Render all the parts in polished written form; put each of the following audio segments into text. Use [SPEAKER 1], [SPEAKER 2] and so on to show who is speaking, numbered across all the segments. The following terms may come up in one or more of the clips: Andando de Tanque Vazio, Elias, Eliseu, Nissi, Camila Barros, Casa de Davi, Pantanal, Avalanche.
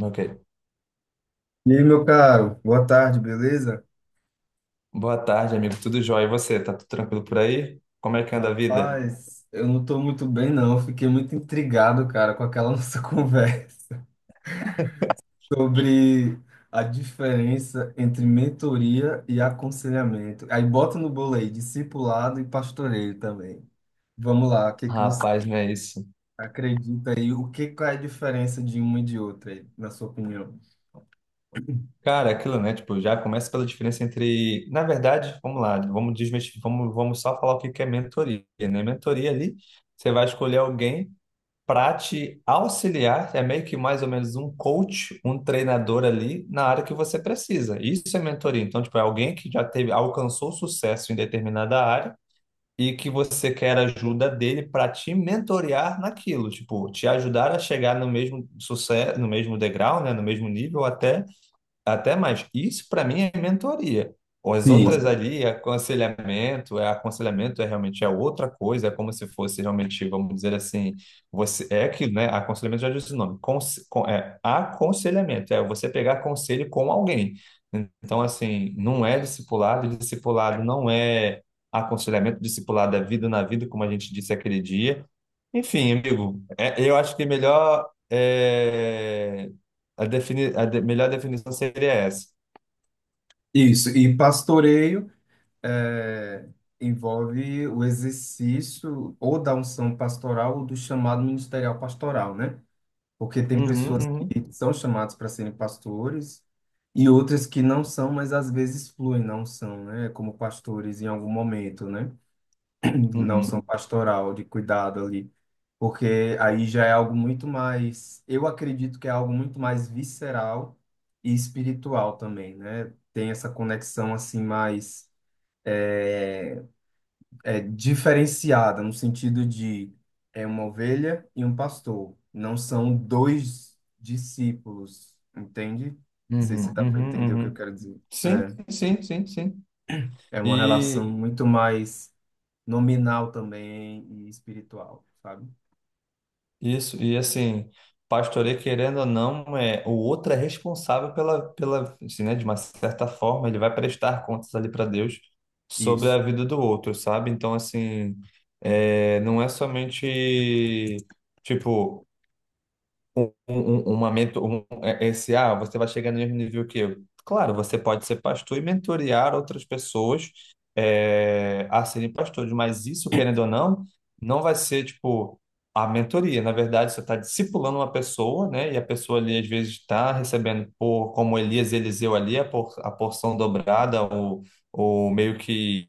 [SPEAKER 1] Ok.
[SPEAKER 2] E aí, meu caro, boa tarde, beleza?
[SPEAKER 1] Boa tarde, amigo. Tudo jóia? E você? Tá tudo tranquilo por aí? Como é que anda a vida?
[SPEAKER 2] Rapaz, eu não tô muito bem, não. Eu fiquei muito intrigado, cara, com aquela nossa conversa sobre a diferença entre mentoria e aconselhamento. Aí bota no bolo aí, discipulado e pastoreio também. Vamos lá, o que que você
[SPEAKER 1] Rapaz, não é isso.
[SPEAKER 2] acredita aí? O que qual é a diferença de uma e de outra aí, na sua opinião?
[SPEAKER 1] Cara, é aquilo, né? Tipo, já começa pela diferença entre. Na verdade, vamos lá, vamos desmestir, vamos só falar o que que é mentoria, né? Mentoria ali, você vai escolher alguém para te auxiliar, é meio que mais ou menos um coach, um treinador ali na área que você precisa. Isso é mentoria. Então, tipo, é alguém que já teve, alcançou sucesso em determinada área e que você quer ajuda dele para te mentorear naquilo, tipo, te ajudar a chegar no mesmo sucesso, no mesmo degrau, né, no mesmo nível, até mais. Isso para mim é mentoria. As outras
[SPEAKER 2] Sim,
[SPEAKER 1] ali, é aconselhamento, é realmente é outra coisa, é como se fosse realmente, vamos dizer assim, você é aquilo, né? Aconselhamento já diz o nome. É aconselhamento, é você pegar conselho com alguém. Então, assim, não é discipulado, e discipulado não é aconselhamento, discipulado é vida na vida, como a gente disse aquele dia. Enfim, amigo, eu acho que melhor é, a, defini a de- melhor definição seria essa.
[SPEAKER 2] isso. E pastoreio é, envolve o exercício ou da unção pastoral ou do chamado ministerial pastoral, né? Porque tem
[SPEAKER 1] Uhum,
[SPEAKER 2] pessoas
[SPEAKER 1] uhum,
[SPEAKER 2] que são chamadas para serem pastores e outras que não são, mas às vezes fluem na unção, né? Como pastores em algum momento, né? Na unção
[SPEAKER 1] uhum,
[SPEAKER 2] pastoral, de cuidado ali. Porque aí já é algo muito mais, eu acredito que é algo muito mais visceral e espiritual também, né? Tem essa conexão assim mais é diferenciada no sentido de é uma ovelha e um pastor, não são dois discípulos, entende? Não sei
[SPEAKER 1] uhum,
[SPEAKER 2] se dá para entender o
[SPEAKER 1] uhum,
[SPEAKER 2] que eu
[SPEAKER 1] uhum.
[SPEAKER 2] quero dizer. É,
[SPEAKER 1] Sim, sim, sim, sim.
[SPEAKER 2] é uma
[SPEAKER 1] E
[SPEAKER 2] relação muito mais nominal também e espiritual, sabe?
[SPEAKER 1] isso, e assim, pastoreio, querendo ou não, é, o outro é responsável pela, assim, né, de uma certa forma, ele vai prestar contas ali para Deus sobre a
[SPEAKER 2] Isso.
[SPEAKER 1] vida do outro, sabe? Então, assim, é, não é somente. Tipo, uma mentor um, é- esse, ah, você vai chegar no mesmo nível que eu. Claro, você pode ser pastor e mentorear outras pessoas, é, a serem pastores, mas isso, querendo ou não, não vai ser, tipo, a mentoria. Na verdade, você está discipulando uma pessoa, né? E a pessoa ali, às vezes, está recebendo, por, como Elias e Eliseu ali, a, por, a porção dobrada, ou meio que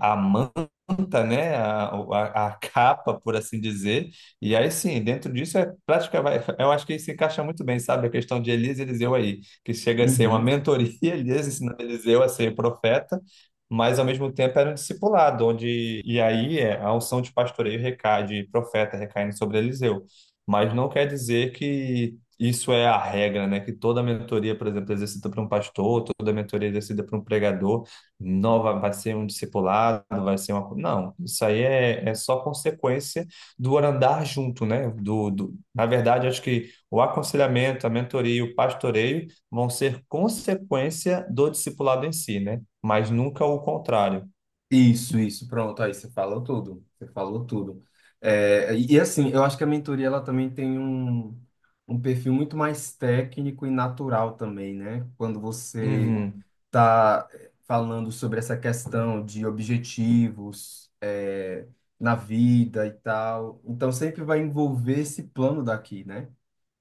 [SPEAKER 1] a manta, né? A capa, por assim dizer, e aí sim, dentro disso é prática, vai, eu acho que isso se encaixa muito bem, sabe? A questão de Elias e Eliseu aí, que chega a ser uma
[SPEAKER 2] Uhum.
[SPEAKER 1] mentoria, Elias ensinando Eliseu a ser profeta, mas ao mesmo tempo era um discipulado, onde a unção de pastoreio recai, de profeta recaindo sobre Eliseu. Mas não quer dizer que isso é a regra, né? Que toda mentoria, por exemplo, exercida por um pastor, toda mentoria exercida por um pregador, não vai, vai ser um discipulado, vai ser uma. Co- Não, isso aí é, é só consequência do andar junto, né? Na verdade, acho que o aconselhamento, a mentoria, o pastoreio vão ser consequência do discipulado em si, né? Mas nunca o contrário.
[SPEAKER 2] Isso, pronto, aí você falou tudo, você falou tudo. É, e assim, eu acho que a mentoria ela também tem um, um perfil muito mais técnico e natural também, né? Quando você
[SPEAKER 1] Uhum,
[SPEAKER 2] tá falando sobre essa questão de objetivos, é, na vida e tal. Então sempre vai envolver esse plano daqui, né?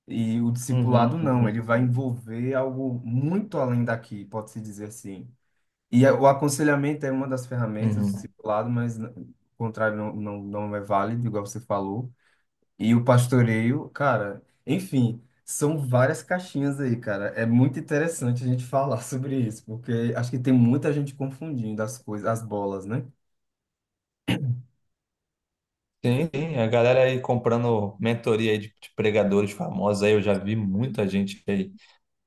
[SPEAKER 2] E o
[SPEAKER 1] uhum,
[SPEAKER 2] discipulado não, ele
[SPEAKER 1] uhum,
[SPEAKER 2] vai envolver algo muito além daqui, pode-se dizer assim. E o aconselhamento é uma das ferramentas do
[SPEAKER 1] uhum.
[SPEAKER 2] discipulado, mas o contrário não, não é válido, igual você falou. E o pastoreio, cara, enfim, são várias caixinhas aí, cara. É muito interessante a gente falar sobre isso, porque acho que tem muita gente confundindo as coisas, as bolas, né?
[SPEAKER 1] Sim, sim, a galera aí comprando mentoria aí de pregadores famosos aí, eu já vi muita gente aí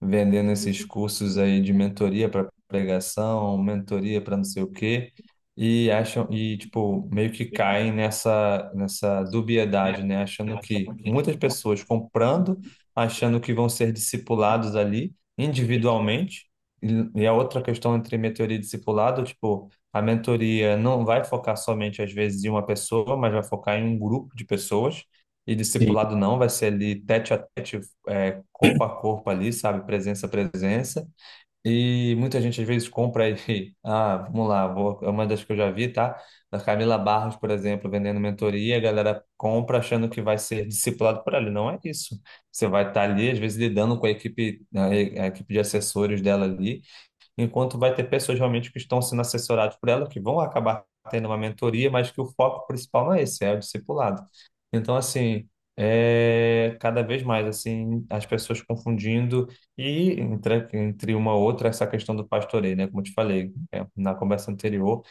[SPEAKER 1] vendendo esses cursos aí de mentoria para pregação, mentoria para não sei o quê, e acham e tipo meio que caem nessa dubiedade, né, achando que muitas pessoas comprando, achando que vão ser discipulados ali individualmente. E a outra questão entre mentoria e discipulado, tipo, a mentoria não vai focar somente às vezes em uma pessoa, mas vai focar em um grupo de pessoas. E
[SPEAKER 2] Sim.
[SPEAKER 1] discipulado não, vai ser ali tete a tete, é, corpo a corpo ali, sabe? Presença a presença. E muita gente às vezes compra aí. Ah, vamos lá, vou, é uma das que eu já vi, tá? Da Camila Barros, por exemplo, vendendo mentoria, a galera compra achando que vai ser discipulado por ela. Não é isso. Você vai estar ali, às vezes, lidando com a equipe, a equipe de assessores dela ali, enquanto vai ter pessoas realmente que estão sendo assessoradas por ela, que vão acabar tendo uma mentoria, mas que o foco principal não é esse, é o discipulado. Então, assim, é cada vez mais, assim, as pessoas confundindo entre uma outra, essa questão do pastoreio, né? Como eu te falei, é, na conversa anterior,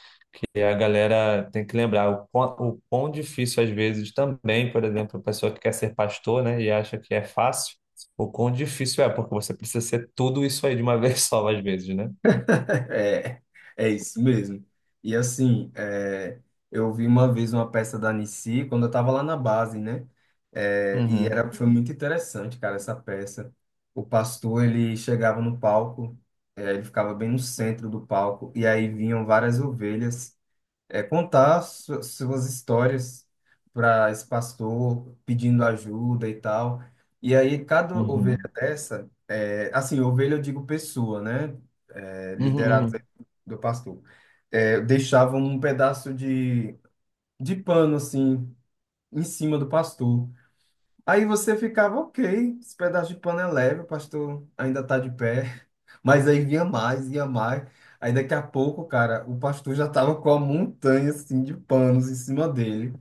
[SPEAKER 1] e a galera tem que lembrar o quão difícil às vezes também, por exemplo, a pessoa que quer ser pastor, né, e acha que é fácil, o quão difícil é, porque você precisa ser tudo isso aí de uma vez só, às vezes, né?
[SPEAKER 2] É, é isso mesmo. E assim, é, eu vi uma vez uma peça da Nissi quando eu estava lá na base, né? É, e
[SPEAKER 1] Uhum,
[SPEAKER 2] era, foi muito interessante, cara, essa peça. O pastor, ele chegava no palco, é, ele ficava bem no centro do palco, e aí vinham várias ovelhas é, contar suas histórias para esse pastor, pedindo ajuda e tal. E aí, cada ovelha
[SPEAKER 1] uhum,
[SPEAKER 2] dessa, é, assim, ovelha eu digo pessoa, né? É,
[SPEAKER 1] uhum,
[SPEAKER 2] liderado
[SPEAKER 1] uhum.
[SPEAKER 2] do pastor. É, deixava um pedaço de pano, assim, em cima do pastor. Aí você ficava, ok, esse pedaço de pano é leve, o pastor ainda está de pé. Mas aí ia mais, ia mais. Aí daqui a pouco, cara, o pastor já tava com a montanha assim de panos em cima dele.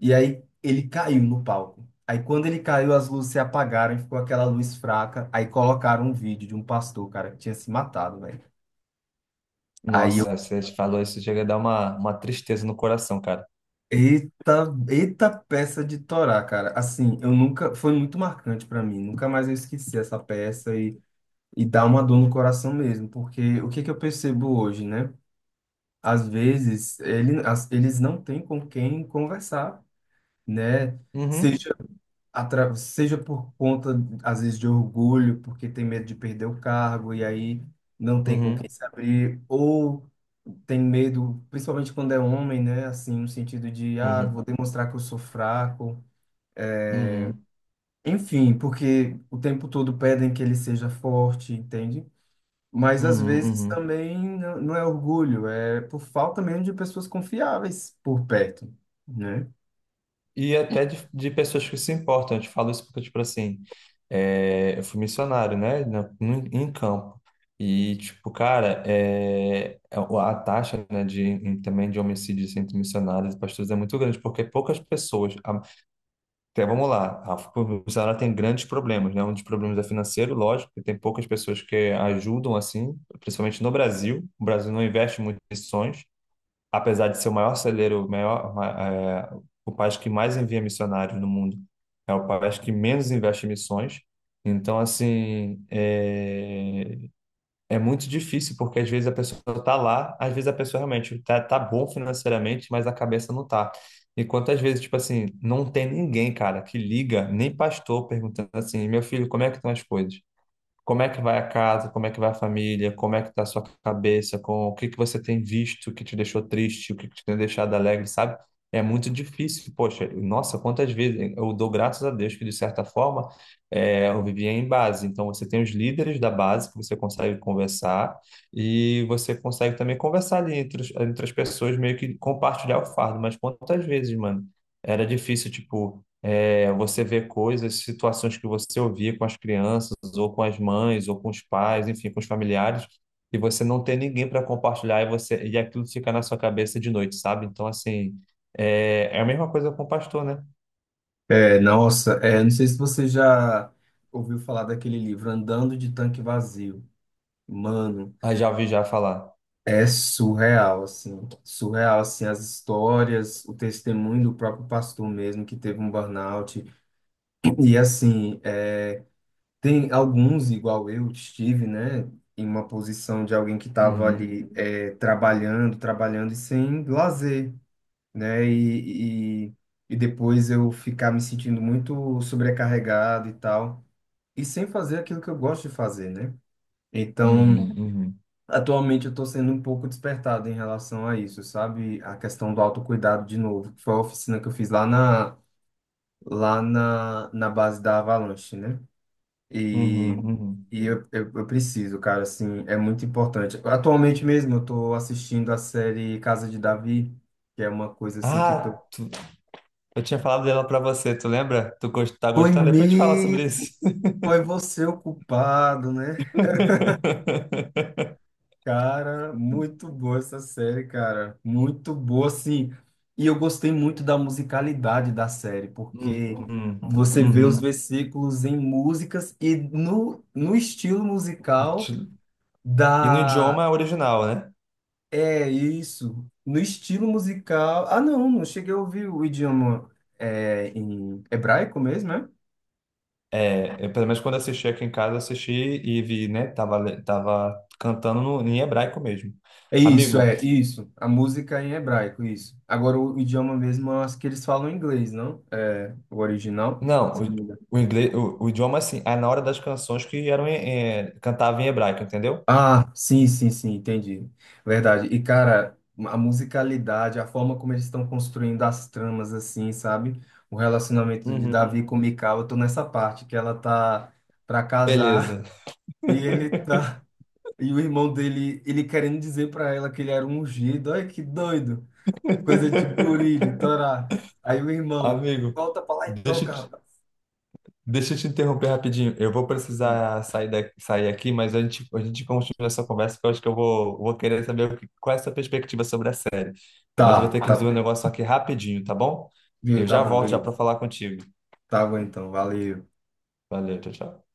[SPEAKER 2] E aí ele caiu no palco. Aí quando ele caiu, as luzes se apagaram e ficou aquela luz fraca. Aí colocaram um vídeo de um pastor, cara, que tinha se matado, velho. Aí eu,
[SPEAKER 1] Nossa, você falou isso, chega a dar uma tristeza no coração, cara.
[SPEAKER 2] eita, eita peça de Torá, cara. Assim, eu nunca, foi muito marcante pra mim. Nunca mais eu esqueci essa peça e dá uma dor no coração mesmo, porque o que que eu percebo hoje, né? Às vezes ele, eles não têm com quem conversar, né?
[SPEAKER 1] Uhum,
[SPEAKER 2] Seja, atra, seja por conta, às vezes, de orgulho, porque tem medo de perder o cargo e aí não tem com quem
[SPEAKER 1] uhum,
[SPEAKER 2] se abrir, ou tem medo, principalmente quando é homem, né? Assim, no sentido de, ah,
[SPEAKER 1] uhum,
[SPEAKER 2] vou demonstrar que eu sou fraco.
[SPEAKER 1] uhum,
[SPEAKER 2] Enfim, porque o tempo todo pedem que ele seja forte, entende? Mas às
[SPEAKER 1] uhum,
[SPEAKER 2] vezes
[SPEAKER 1] uhum.
[SPEAKER 2] também não é orgulho, é por falta mesmo de pessoas confiáveis por perto, né?
[SPEAKER 1] E até de pessoas que se importam, eu te falo isso porque, tipo assim, é, eu fui missionário, né, em campo. E, tipo, cara, é, a taxa, né, também de homicídios entre missionários e pastores é muito grande, porque poucas pessoas... Então, vamos lá. A publicidade tem grandes problemas, né? Um dos problemas é financeiro, lógico, que tem poucas pessoas que ajudam assim, principalmente no Brasil. O Brasil não investe muito em missões, apesar de ser o maior celeiro, o maior, ma- é, o país que mais envia missionários no mundo, é o país que menos investe em missões. Então, assim, é, é muito difícil, porque às vezes a pessoa está lá, às vezes a pessoa realmente está tá bom financeiramente, mas a cabeça não tá. E quantas vezes, tipo assim, não tem ninguém, cara, que liga, nem pastor perguntando assim, meu filho, como é que estão as coisas? Como é que vai a casa? Como é que vai a família? Como é que tá a sua cabeça? Com o que que você tem visto que te deixou triste? O que que te tem deixado alegre, sabe? É muito difícil. Poxa, nossa, quantas vezes eu dou graças a Deus que, de certa forma, é, eu vivia em base. Então, você tem os líderes da base que você consegue conversar, e você consegue também conversar ali entre as pessoas, meio que compartilhar o fardo. Mas quantas vezes, mano? Era difícil, tipo. É, você vê coisas, situações que você ouvia com as crianças, ou com as mães, ou com os pais, enfim, com os familiares, e você não tem ninguém para compartilhar e você e aquilo fica na sua cabeça de noite, sabe? Então, assim, é, é a mesma coisa com o pastor, né?
[SPEAKER 2] É, nossa, é, não sei se você já ouviu falar daquele livro Andando de Tanque Vazio. Mano,
[SPEAKER 1] Ah, já ouvi já falar.
[SPEAKER 2] é surreal, assim, as histórias, o testemunho do próprio pastor mesmo que teve um burnout. E assim, é, tem alguns, igual eu, estive, né, em uma posição de alguém que estava
[SPEAKER 1] Uhum,
[SPEAKER 2] ali é, trabalhando, trabalhando e sem lazer, né, e depois eu ficar me sentindo muito sobrecarregado e tal, e sem fazer aquilo que eu gosto de fazer, né? Então,
[SPEAKER 1] uhum, uhum,
[SPEAKER 2] atualmente eu estou sendo um pouco despertado em relação a isso, sabe? A questão do autocuidado de novo, que foi a oficina que eu fiz lá na, na base da Avalanche, né? E,
[SPEAKER 1] uhum, uhum.
[SPEAKER 2] eu preciso, cara, assim, é muito importante. Atualmente mesmo eu tô assistindo a série Casa de Davi, que é uma coisa assim que eu tô.
[SPEAKER 1] Ah, eu tinha falado dela para você, tu lembra? Tá
[SPEAKER 2] Foi
[SPEAKER 1] gostando? Depois a gente fala sobre
[SPEAKER 2] mesmo,
[SPEAKER 1] isso.
[SPEAKER 2] foi você o culpado, né? Cara, muito boa essa série, cara. Muito boa, assim. E eu gostei muito da musicalidade da série, porque
[SPEAKER 1] Uhum,
[SPEAKER 2] você vê os
[SPEAKER 1] uhum.
[SPEAKER 2] versículos em músicas e no, no estilo musical
[SPEAKER 1] E no
[SPEAKER 2] da
[SPEAKER 1] idioma original, né?
[SPEAKER 2] é isso. No estilo musical. Ah, não, não cheguei a ouvir o idioma é, em hebraico mesmo, né?
[SPEAKER 1] É, eu, pelo menos quando assisti aqui em casa, assisti e vi, né? Tava, tava cantando em hebraico mesmo.
[SPEAKER 2] É isso,
[SPEAKER 1] Amigo,
[SPEAKER 2] é isso. A música em hebraico, isso. Agora o idioma mesmo, eu acho que eles falam inglês, não? É o original.
[SPEAKER 1] não,
[SPEAKER 2] Se não me engano.
[SPEAKER 1] o inglês, o idioma assim, é na hora das canções que eram em, cantava em hebraico, entendeu?
[SPEAKER 2] Ah, sim, sim, sim, entendi. Verdade. E, cara, a musicalidade, a forma como eles estão construindo as tramas, assim, sabe? O relacionamento de
[SPEAKER 1] Uhum.
[SPEAKER 2] Davi com Mical, eu tô nessa parte que ela tá pra casar
[SPEAKER 1] Beleza.
[SPEAKER 2] e ele tá. E o irmão dele, ele querendo dizer pra ela que ele era um ungido. Olha que doido. Coisa de guri, de Torá. Aí o irmão,
[SPEAKER 1] Amigo,
[SPEAKER 2] volta pra lá e
[SPEAKER 1] deixa, eu
[SPEAKER 2] toca,
[SPEAKER 1] te-
[SPEAKER 2] rapaz.
[SPEAKER 1] deixa eu te interromper rapidinho. Eu vou precisar sair, sair aqui, mas a gente continua essa conversa, que eu acho que vou querer saber qual é a sua perspectiva sobre a série. Mas eu vou
[SPEAKER 2] Tá,
[SPEAKER 1] ter que
[SPEAKER 2] tá.
[SPEAKER 1] resolver um negócio aqui rapidinho, tá bom?
[SPEAKER 2] Viu?
[SPEAKER 1] Eu
[SPEAKER 2] Tá
[SPEAKER 1] já
[SPEAKER 2] bom,
[SPEAKER 1] volto já para
[SPEAKER 2] beleza.
[SPEAKER 1] falar contigo.
[SPEAKER 2] Tá bom então, valeu.
[SPEAKER 1] Valeu, tchau, tchau.